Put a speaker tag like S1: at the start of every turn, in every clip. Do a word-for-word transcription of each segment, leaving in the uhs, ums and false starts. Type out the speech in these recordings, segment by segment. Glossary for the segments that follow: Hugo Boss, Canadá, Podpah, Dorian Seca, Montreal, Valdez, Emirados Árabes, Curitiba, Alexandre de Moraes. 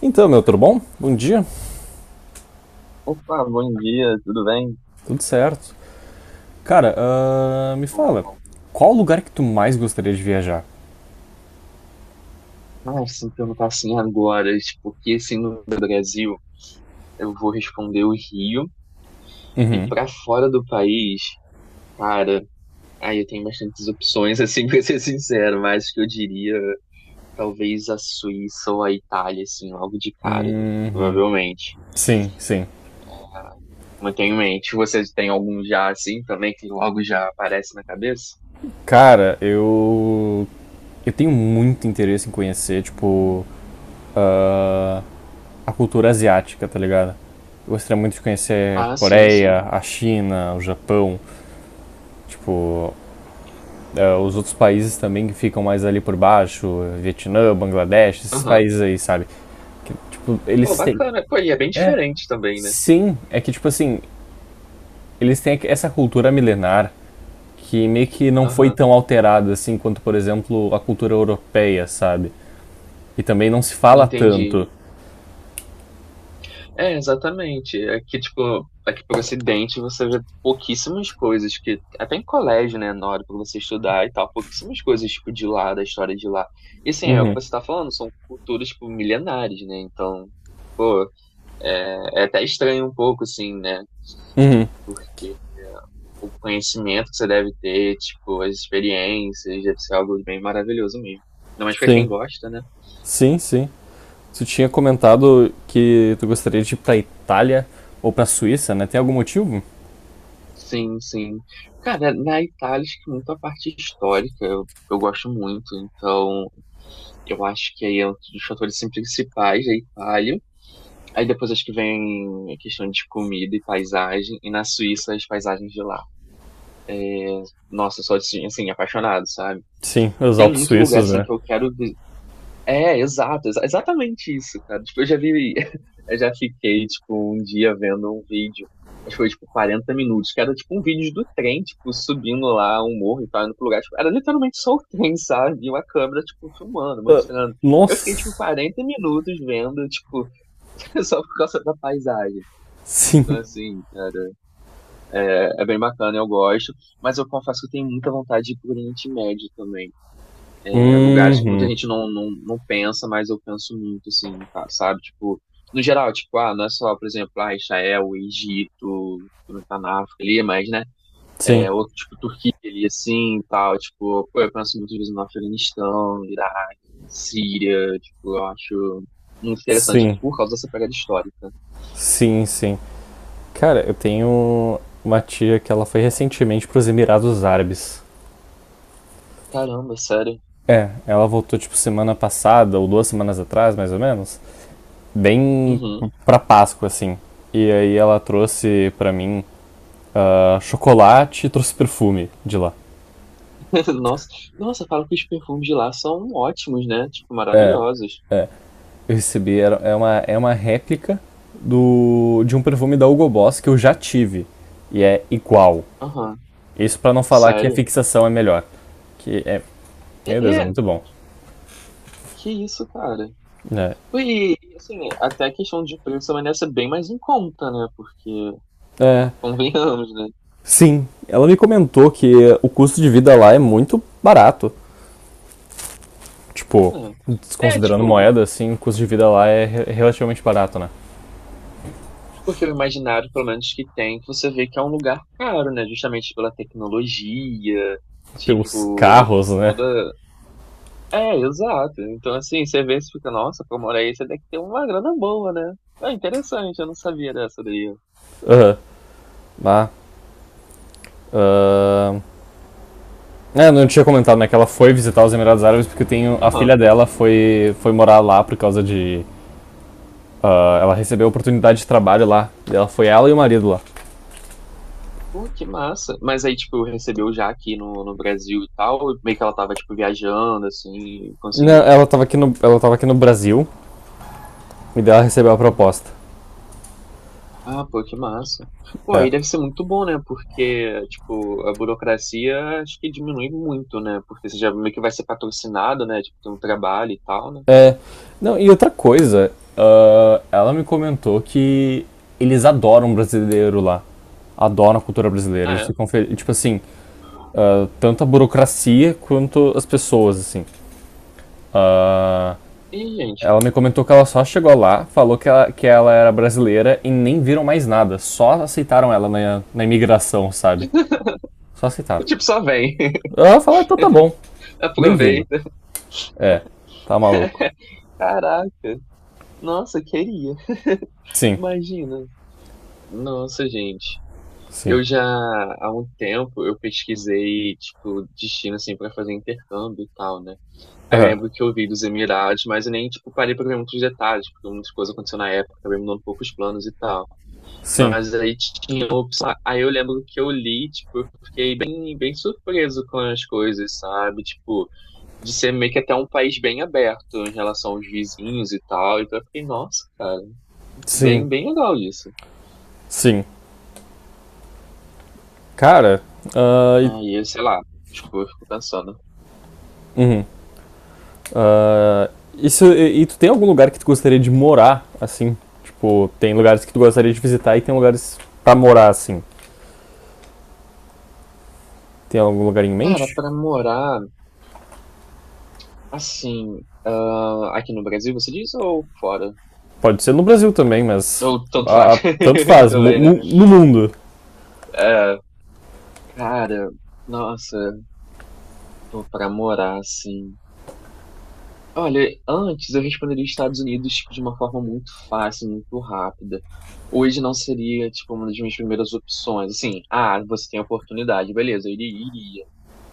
S1: Então, meu, tudo bom? Bom dia,
S2: Opa, bom dia, tudo bem?
S1: tudo certo. Cara, ahn, me
S2: Tudo
S1: fala,
S2: bom.
S1: qual o lugar que tu mais gostaria de viajar?
S2: Ah, se me perguntar assim agora, tipo, que assim no Brasil, eu vou responder o Rio. E
S1: Uhum.
S2: pra fora do país, cara, aí eu tenho bastantes opções, assim, pra ser sincero, mas que eu diria talvez a Suíça ou a Itália, assim, logo de cara,
S1: Uhum.
S2: provavelmente.
S1: Sim, sim.
S2: Não tenho em mente. Vocês têm algum já, assim, também, que logo já aparece na cabeça?
S1: Cara, eu. Eu tenho muito interesse em conhecer, tipo. ah, a cultura asiática, tá ligado? Eu gostaria muito de conhecer
S2: Ah, sim, sim.
S1: Coreia, a China, o Japão, tipo, eh, os outros países também que ficam mais ali por baixo, Vietnã, Bangladesh, esses
S2: Aham.
S1: países aí, sabe? Tipo,
S2: Pô,
S1: eles têm.
S2: bacana. Pô, e é bem
S1: É,
S2: diferente também, né?
S1: sim. É que, tipo assim, eles têm essa cultura milenar que meio que não foi
S2: Aham.
S1: tão alterada assim quanto, por exemplo, a cultura europeia, sabe? E também não se fala
S2: Entendi.
S1: tanto.
S2: É, exatamente. Aqui, tipo, aqui pro Ocidente você vê pouquíssimas coisas que, até em colégio, né, na hora pra você estudar e tal, pouquíssimas coisas, tipo, de lá, da história de lá. E assim, é o que
S1: Uhum.
S2: você tá falando, são culturas, tipo, milenares, né, então, pô, é é até estranho um pouco, assim, né, porque o conhecimento que você deve ter, tipo, as experiências, deve ser algo bem maravilhoso mesmo. Ainda mais pra quem
S1: Sim,
S2: gosta, né?
S1: sim, sim. Tu tinha comentado que tu gostaria de ir pra Itália ou pra Suíça, né? Tem algum motivo?
S2: Sim, sim. Cara, na Itália, acho que muito a parte histórica eu, eu gosto muito. Então, eu acho que aí é um dos fatores assim, principais da Itália. Aí depois acho que vem a questão de comida e paisagem. E na Suíça, as paisagens de lá. Nossa, eu sou assim, assim, apaixonado, sabe?
S1: Sim, os
S2: Tem
S1: Alpes
S2: muito lugar
S1: suíços,
S2: assim
S1: né?
S2: que eu quero. É, exato, exa- exatamente isso, cara. Tipo, eu já vi, eu já fiquei, tipo, um dia vendo um vídeo, acho que foi, tipo, quarenta minutos, que era, tipo, um vídeo do trem, tipo, subindo lá um morro e tal, indo pro lugar, tipo, era literalmente só o trem, sabe? E uma câmera, tipo, filmando,
S1: Ah,
S2: mostrando. Eu fiquei, tipo,
S1: nossa!
S2: quarenta minutos vendo, tipo, só por causa da paisagem. Então,
S1: Sim.
S2: assim, cara, é, é bem bacana, eu gosto, mas eu confesso que eu tenho muita vontade de ir pro Oriente Médio também. É, lugares que muita
S1: Uhum.
S2: gente não, não, não pensa, mas eu penso muito, assim, tá, sabe? Tipo, no geral, tipo, ah, não é só, por exemplo, ah, Israel, Egito, não tá na África ali, mas, né?
S1: Sim,
S2: É, outro tipo, Turquia ali, assim, e tal. Tipo, pô, eu penso muitas vezes no Afeganistão, no Iraque, na Síria, tipo, eu acho muito interessante
S1: sim,
S2: por causa dessa pegada histórica.
S1: sim, sim. Cara, eu tenho uma tia que ela foi recentemente para os Emirados Árabes.
S2: Caramba, sério.
S1: É, ela voltou tipo semana passada ou duas semanas atrás, mais ou menos, bem
S2: Uhum.
S1: pra Páscoa assim. E aí ela trouxe pra mim ah, chocolate e trouxe perfume de lá.
S2: Nossa, nossa, falam que os perfumes de lá são ótimos, né? Tipo,
S1: É,
S2: maravilhosos.
S1: eu recebi era, é uma é uma réplica do de um perfume da Hugo Boss que eu já tive e é igual.
S2: Aham,
S1: Isso pra não falar que a
S2: sério.
S1: fixação é melhor, que é,
S2: É,
S1: meu Deus, é
S2: é.
S1: muito bom.
S2: Que isso, cara.
S1: É.
S2: E, assim, até a questão de preço também deve ser bem mais em conta, né? Porque,
S1: É,
S2: convenhamos, né?
S1: sim, ela me comentou que o custo de vida lá é muito barato. Tipo,
S2: É. É,
S1: desconsiderando
S2: tipo,
S1: moeda, assim, o custo de vida lá é re- relativamente barato, né?
S2: porque o imaginário, pelo menos que tem, que você vê que é um lugar caro, né? Justamente pela tecnologia,
S1: Pelos
S2: tipo,
S1: carros, né?
S2: toda. É, exato. Então, assim, você vê e fica, nossa, pra morar aí, você tem que ter uma grana boa, né? É interessante, eu não sabia dessa daí.
S1: Aham, lá. Ahn. É, não tinha comentado, né? Que ela foi visitar os Emirados Árabes porque tem a
S2: Aham.
S1: filha dela foi, foi morar lá por causa de. Ah, ela recebeu oportunidade de trabalho lá. E ela foi ela e o marido lá.
S2: Pô, que massa. Mas aí, tipo, recebeu já aqui no, no Brasil e tal, meio que ela tava, tipo, viajando, assim, e
S1: Não,
S2: conseguiu.
S1: ela tava aqui no, ela tava aqui no Brasil e daí ela recebeu a
S2: Uhum.
S1: proposta.
S2: Ah, pô, que massa. Pô,
S1: É.
S2: aí deve ser muito bom, né? Porque, tipo, a burocracia acho que diminui muito, né? Porque você já meio que vai ser patrocinado, né? Tipo, tem um trabalho e tal, né?
S1: Não, e outra coisa, ah, ela me comentou que eles adoram um brasileiro lá. Adoram a cultura brasileira.
S2: Ah,
S1: Eles
S2: é?
S1: ficam felizes. Tipo assim, ah, tanto a burocracia quanto as pessoas, assim.
S2: Ih, gente.
S1: Ela me comentou que ela só chegou lá, falou que ela, que ela era brasileira e nem viram mais nada. Só aceitaram ela na, na imigração, sabe? Só aceitaram.
S2: Tipo, só vem.
S1: Ela falou, então tá bom. Bem-vindo.
S2: Aproveita.
S1: É, tá maluco.
S2: Caraca. Nossa, queria.
S1: Sim,
S2: Imagina. Nossa, gente.
S1: sim.
S2: Eu já, há um tempo, eu pesquisei, tipo, destino, assim, pra fazer intercâmbio e tal, né? Aí eu
S1: Aham.
S2: lembro que eu vi dos Emirados, mas eu nem, tipo, parei pra ver muitos detalhes, porque muitas coisas aconteceram na época, acabei mudando um pouco os planos e tal.
S1: Sim,
S2: Mas aí tinha opção. Aí eu lembro que eu li, tipo, eu fiquei bem, bem surpreso com as coisas, sabe? Tipo, de ser meio que até um país bem aberto em relação aos vizinhos e tal. Então eu fiquei, nossa, cara, bem,
S1: sim,
S2: bem legal isso.
S1: sim. Cara, ah, e
S2: Aí, sei lá, tipo, eu fico pensando.
S1: uhum. Ah, isso, e, e tu tem algum lugar que tu gostaria de morar, assim? Tipo, tem lugares que tu gostaria de visitar e tem lugares pra morar, assim. Tem algum lugar em
S2: Cara,
S1: mente?
S2: pra morar, assim, ah, aqui no Brasil, você diz, ou fora?
S1: Pode ser no Brasil também, mas
S2: Ou tanto faz,
S1: ah, tanto
S2: eu
S1: faz. mu-
S2: também, né?
S1: mu- no mundo.
S2: É, cara, nossa, pô, pra morar, assim. Olha, antes eu responderia Estados Unidos, tipo, de uma forma muito fácil, muito rápida. Hoje não seria, tipo, uma das minhas primeiras opções. Assim, ah, você tem a oportunidade, beleza, eu iria, iria.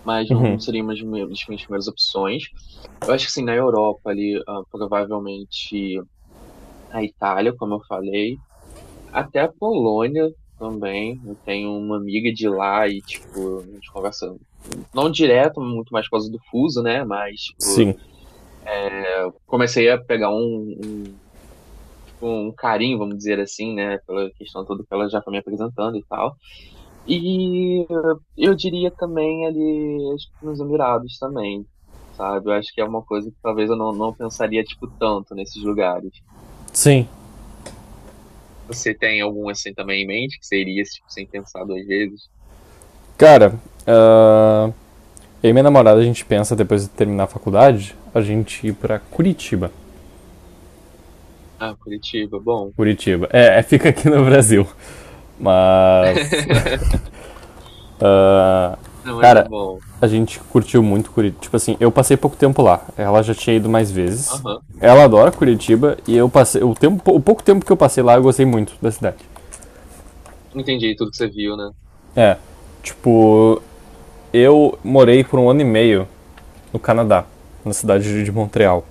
S2: Mas não seria uma das minhas das minhas primeiras opções. Eu acho que, assim, na Europa ali, ah, provavelmente, a Itália, como eu falei, até a Polônia também. Eu tenho uma amiga de lá e, tipo, a gente conversa, não direto, muito mais por causa do fuso, né? Mas, tipo,
S1: Sim.
S2: comecei a pegar um, um, tipo, um carinho, vamos dizer assim, né? Pela questão toda que ela já foi me apresentando e tal. E eu diria também ali, acho que nos Emirados também. Sabe, eu acho que é uma coisa que talvez eu não, não pensaria, tipo, tanto nesses lugares.
S1: Sim.
S2: Você tem algum assim também em mente que seria esse tipo, sem pensar duas vezes?
S1: Cara, ah, eu e minha namorada, a gente pensa, depois de terminar a faculdade, a gente ir pra Curitiba.
S2: Ah, Curitiba, bom.
S1: Curitiba. É, é, fica aqui no Brasil. Mas Ah,
S2: Não, mas é
S1: cara,
S2: bom.
S1: a gente curtiu muito Curitiba. Tipo assim, eu passei pouco tempo lá. Ela já tinha ido mais vezes.
S2: Aham.
S1: Ela adora Curitiba e eu passei. O, tempo, o pouco tempo que eu passei lá, eu gostei muito da cidade.
S2: Entendi tudo que você viu, né?
S1: É. Tipo, eu morei por um ano e meio no Canadá, na cidade de Montreal.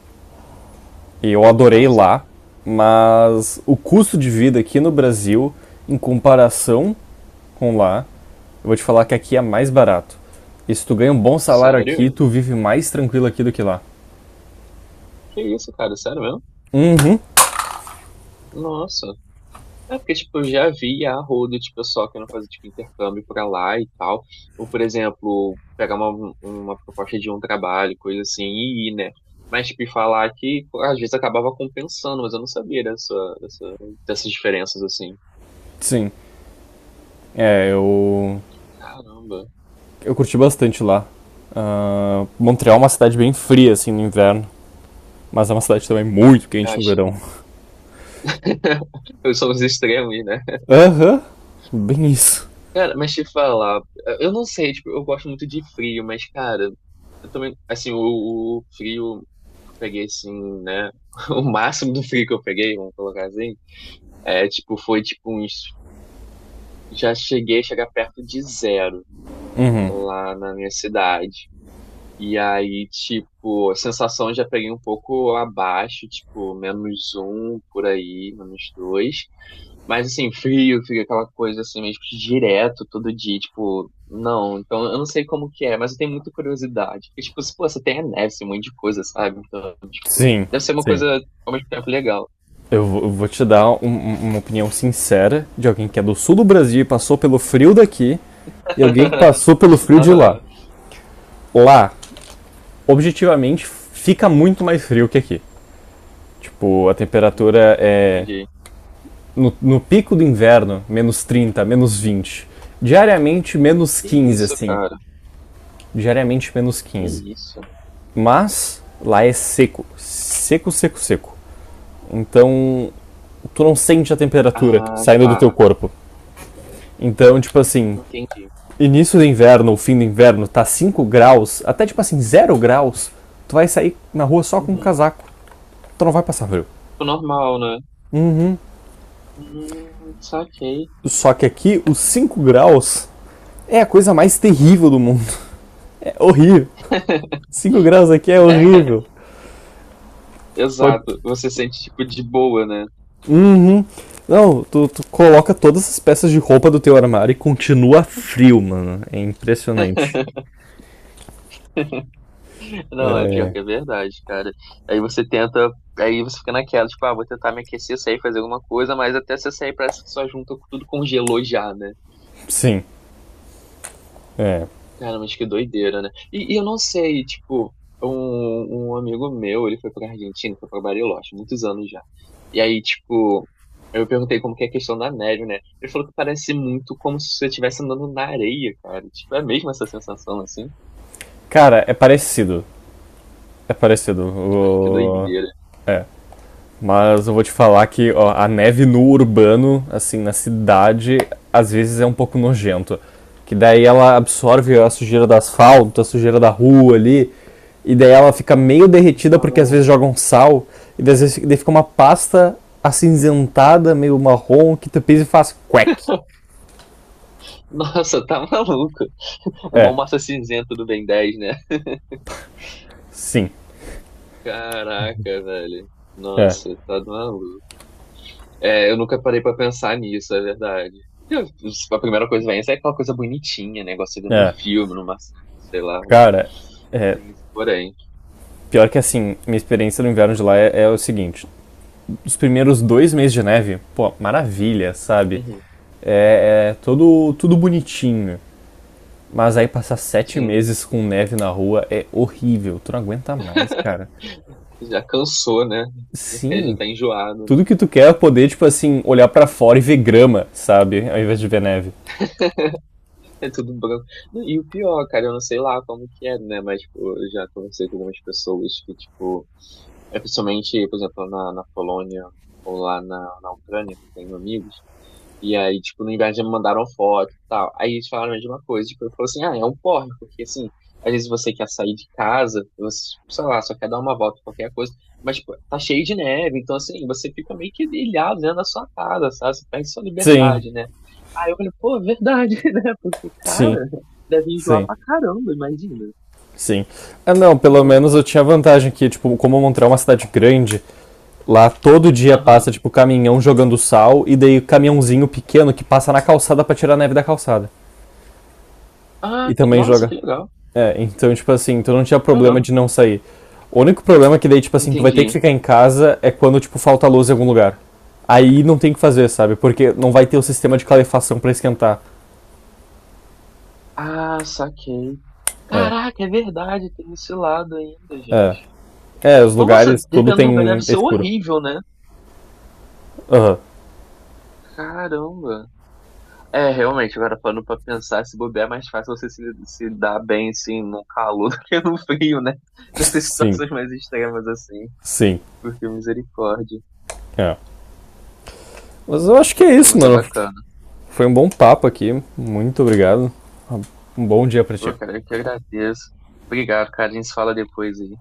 S1: E eu
S2: Pô, que
S1: adorei
S2: massa,
S1: lá,
S2: cara.
S1: mas o custo de vida aqui no Brasil, em comparação com lá, eu vou te falar que
S2: Aham.
S1: aqui é mais barato. E se tu ganha um bom salário aqui,
S2: Sério?
S1: tu vive mais tranquilo aqui do que lá.
S2: Que isso, cara? Sério mesmo?
S1: Uhum,
S2: Nossa. É porque, tipo, eu já vi a rodo de pessoal querendo fazer, tipo, intercâmbio pra lá e tal. Ou, por exemplo, pegar uma, uma proposta de um trabalho, coisa assim, e ir, né? Mas, tipo, e falar que às vezes acabava compensando, mas eu não sabia dessa, dessa, dessas diferenças, assim.
S1: sim. É, eu,
S2: Caramba.
S1: eu curti bastante lá. Ah, Montreal é uma cidade bem fria, assim, no inverno. Mas é uma cidade também muito
S2: Eu
S1: quente no
S2: acho.
S1: verão.
S2: Eu sou os extremos, né?
S1: Aham, uhum, bem isso.
S2: Cara, mas te falar, eu não sei, tipo, eu gosto muito de frio, mas, cara, eu também, assim, o, o frio que eu peguei, assim, né? O máximo do frio que eu peguei, vamos colocar assim, é, tipo, foi, tipo, uns, já cheguei a chegar perto de zero lá na minha cidade. E aí, tipo, a sensação eu já peguei um pouco abaixo, tipo, menos um por aí, menos dois. Mas assim, frio, fica aquela coisa assim, meio que direto, todo dia, tipo, não, então eu não sei como que é, mas eu tenho muita curiosidade. Porque, tipo, se, pô, você tem a neve, esse monte de coisa, sabe? Então, tipo,
S1: Sim,
S2: deve ser uma
S1: sim.
S2: coisa ao mesmo tempo legal.
S1: Eu vou eu vou te dar um- um- uma opinião sincera de alguém que é do sul do Brasil e passou pelo frio daqui e alguém que passou pelo frio de
S2: Aham.
S1: lá. Lá, objetivamente fica muito mais frio que aqui. Tipo, a
S2: Hum,
S1: temperatura é
S2: entendi.
S1: no, no pico do inverno, menos trinta, menos vinte. Diariamente, menos
S2: Que
S1: quinze
S2: isso,
S1: assim.
S2: cara?
S1: Diariamente, menos
S2: Que
S1: quinze
S2: isso?
S1: Mas lá é seco. Seco, seco, seco. Então, tu não sente a temperatura
S2: Ah,
S1: saindo do
S2: tá.
S1: teu corpo. Então, tipo assim,
S2: Entendi.
S1: início do inverno ou fim do inverno tá cinco graus, até tipo assim, zero graus, tu vai sair na rua só com um
S2: Uhum.
S1: casaco. Tu não vai passar frio.
S2: Tipo, normal, né? Hum, saquei.
S1: Só que aqui, os cinco graus é a coisa mais terrível do mundo. É horrível. Cinco graus aqui é
S2: É,
S1: horrível. Pode.
S2: exato. Você sente, tipo, de boa, né?
S1: Uhum. Não, tu, tu coloca todas as peças de roupa do teu armário e continua frio, mano. É impressionante.
S2: Não, é pior
S1: É.
S2: que é verdade, cara. Aí você tenta, aí você fica naquela, tipo, ah, vou tentar me aquecer, sair, fazer alguma coisa, mas até você sair parece que só junta com- tudo congelou já, né?
S1: Sim. É.
S2: Cara, mas que doideira, né? E, e eu não sei, tipo, um, um amigo meu, ele foi pra Argentina, foi pra Bariloche, muitos anos já. E aí, tipo, eu perguntei como que é a questão da neve, né? Ele falou que parece muito como se você estivesse andando na areia, cara. Tipo, é mesmo essa sensação assim?
S1: Cara, é parecido. É parecido.
S2: Que
S1: O.
S2: doideira.
S1: É. Mas eu vou te falar que ó, a neve no urbano, assim, na cidade, às vezes é um pouco nojento. Que daí ela absorve a sujeira do asfalto, a sujeira da rua ali, e daí ela fica meio derretida porque às
S2: Ah,
S1: vezes jogam sal, e daí às vezes daí fica uma pasta acinzentada, meio marrom, que tu pisa e faz quack.
S2: Nossa, tá maluco. É
S1: É,
S2: igual massa cinzenta do Ben dez, né?
S1: sim,
S2: Caraca, velho.
S1: é,
S2: Nossa, tá maluco. É, eu nunca parei pra pensar nisso, é verdade. Eu- A primeira coisa que vem é aquela coisa bonitinha, né? Igual você vê no
S1: é.
S2: filme, numa, sei lá, né?
S1: Cara, é,
S2: Tem isso, porém.
S1: pior que assim, minha experiência no inverno de lá é, é o seguinte: os primeiros dois meses de neve, pô, maravilha, sabe?
S2: Uhum,
S1: É, é todo, tudo bonitinho. Né? Mas aí passar sete
S2: sim.
S1: meses com neve na rua é horrível. Tu não aguenta mais, cara.
S2: Já cansou, né? Já, já
S1: Sim,
S2: tá enjoado,
S1: tudo
S2: né?
S1: que tu quer é poder, tipo assim, olhar pra fora e ver grama, sabe? Ao invés de ver neve.
S2: É tudo branco. E o pior, cara, eu não sei lá como que é, né? Mas, tipo, eu já conversei com algumas pessoas que, tipo, é principalmente, por exemplo, na, na Polônia ou lá na, na Ucrânia, tenho amigos. E aí, tipo, no inverno já me mandaram foto e tal. Aí eles falaram a mesma coisa. Tipo, eu falei assim, ah, é um porre, porque assim, às vezes você quer sair de casa, você, sei lá, só quer dar uma volta, qualquer coisa, mas tipo, tá cheio de neve, então assim, você fica meio que ilhado dentro da sua casa, sabe? Você perde sua
S1: Sim,
S2: liberdade, né? Aí eu falei, pô, é verdade, né? Porque,
S1: sim,
S2: cara, deve enjoar
S1: sim,
S2: pra caramba, imagina.
S1: sim. Ah, não, pelo
S2: Uhum.
S1: menos eu tinha vantagem que, tipo, como Montreal é uma cidade grande, lá todo dia passa,
S2: Aham.
S1: tipo, caminhão jogando sal e daí caminhãozinho pequeno que passa na calçada pra tirar a neve da calçada.
S2: Ah,
S1: E
S2: que-
S1: também
S2: nossa,
S1: joga.
S2: que legal.
S1: É, então, tipo assim, tu não tinha problema
S2: Caramba.
S1: de não sair. O único problema é que daí, tipo assim, tu vai ter que
S2: Entendi.
S1: ficar em casa é quando, tipo, falta luz em algum lugar. Aí não tem o que fazer, sabe? Porque não vai ter o sistema de calefação pra esquentar.
S2: Ah, saquei.
S1: É,
S2: Caraca, é verdade, tem esse lado ainda,
S1: é.
S2: gente.
S1: É, os
S2: Nossa,
S1: lugares, tudo
S2: dependendo do lugar, deve
S1: tem é
S2: ser
S1: escuro.
S2: horrível, né?
S1: Aham.
S2: Caramba. É, realmente, agora parando pra pensar, se bobear é mais fácil você se, se dar bem, assim, no calor do que no frio, né? Nessas
S1: Sim,
S2: situações mais extremas, assim.
S1: sim.
S2: Porque misericórdia.
S1: É. Mas eu acho que é
S2: Pô,
S1: isso,
S2: mas é
S1: mano.
S2: bacana.
S1: Foi um bom papo aqui. Muito obrigado. Um bom dia pra ti.
S2: Pô, cara, eu que agradeço. Obrigado, cara. A gente se fala depois aí.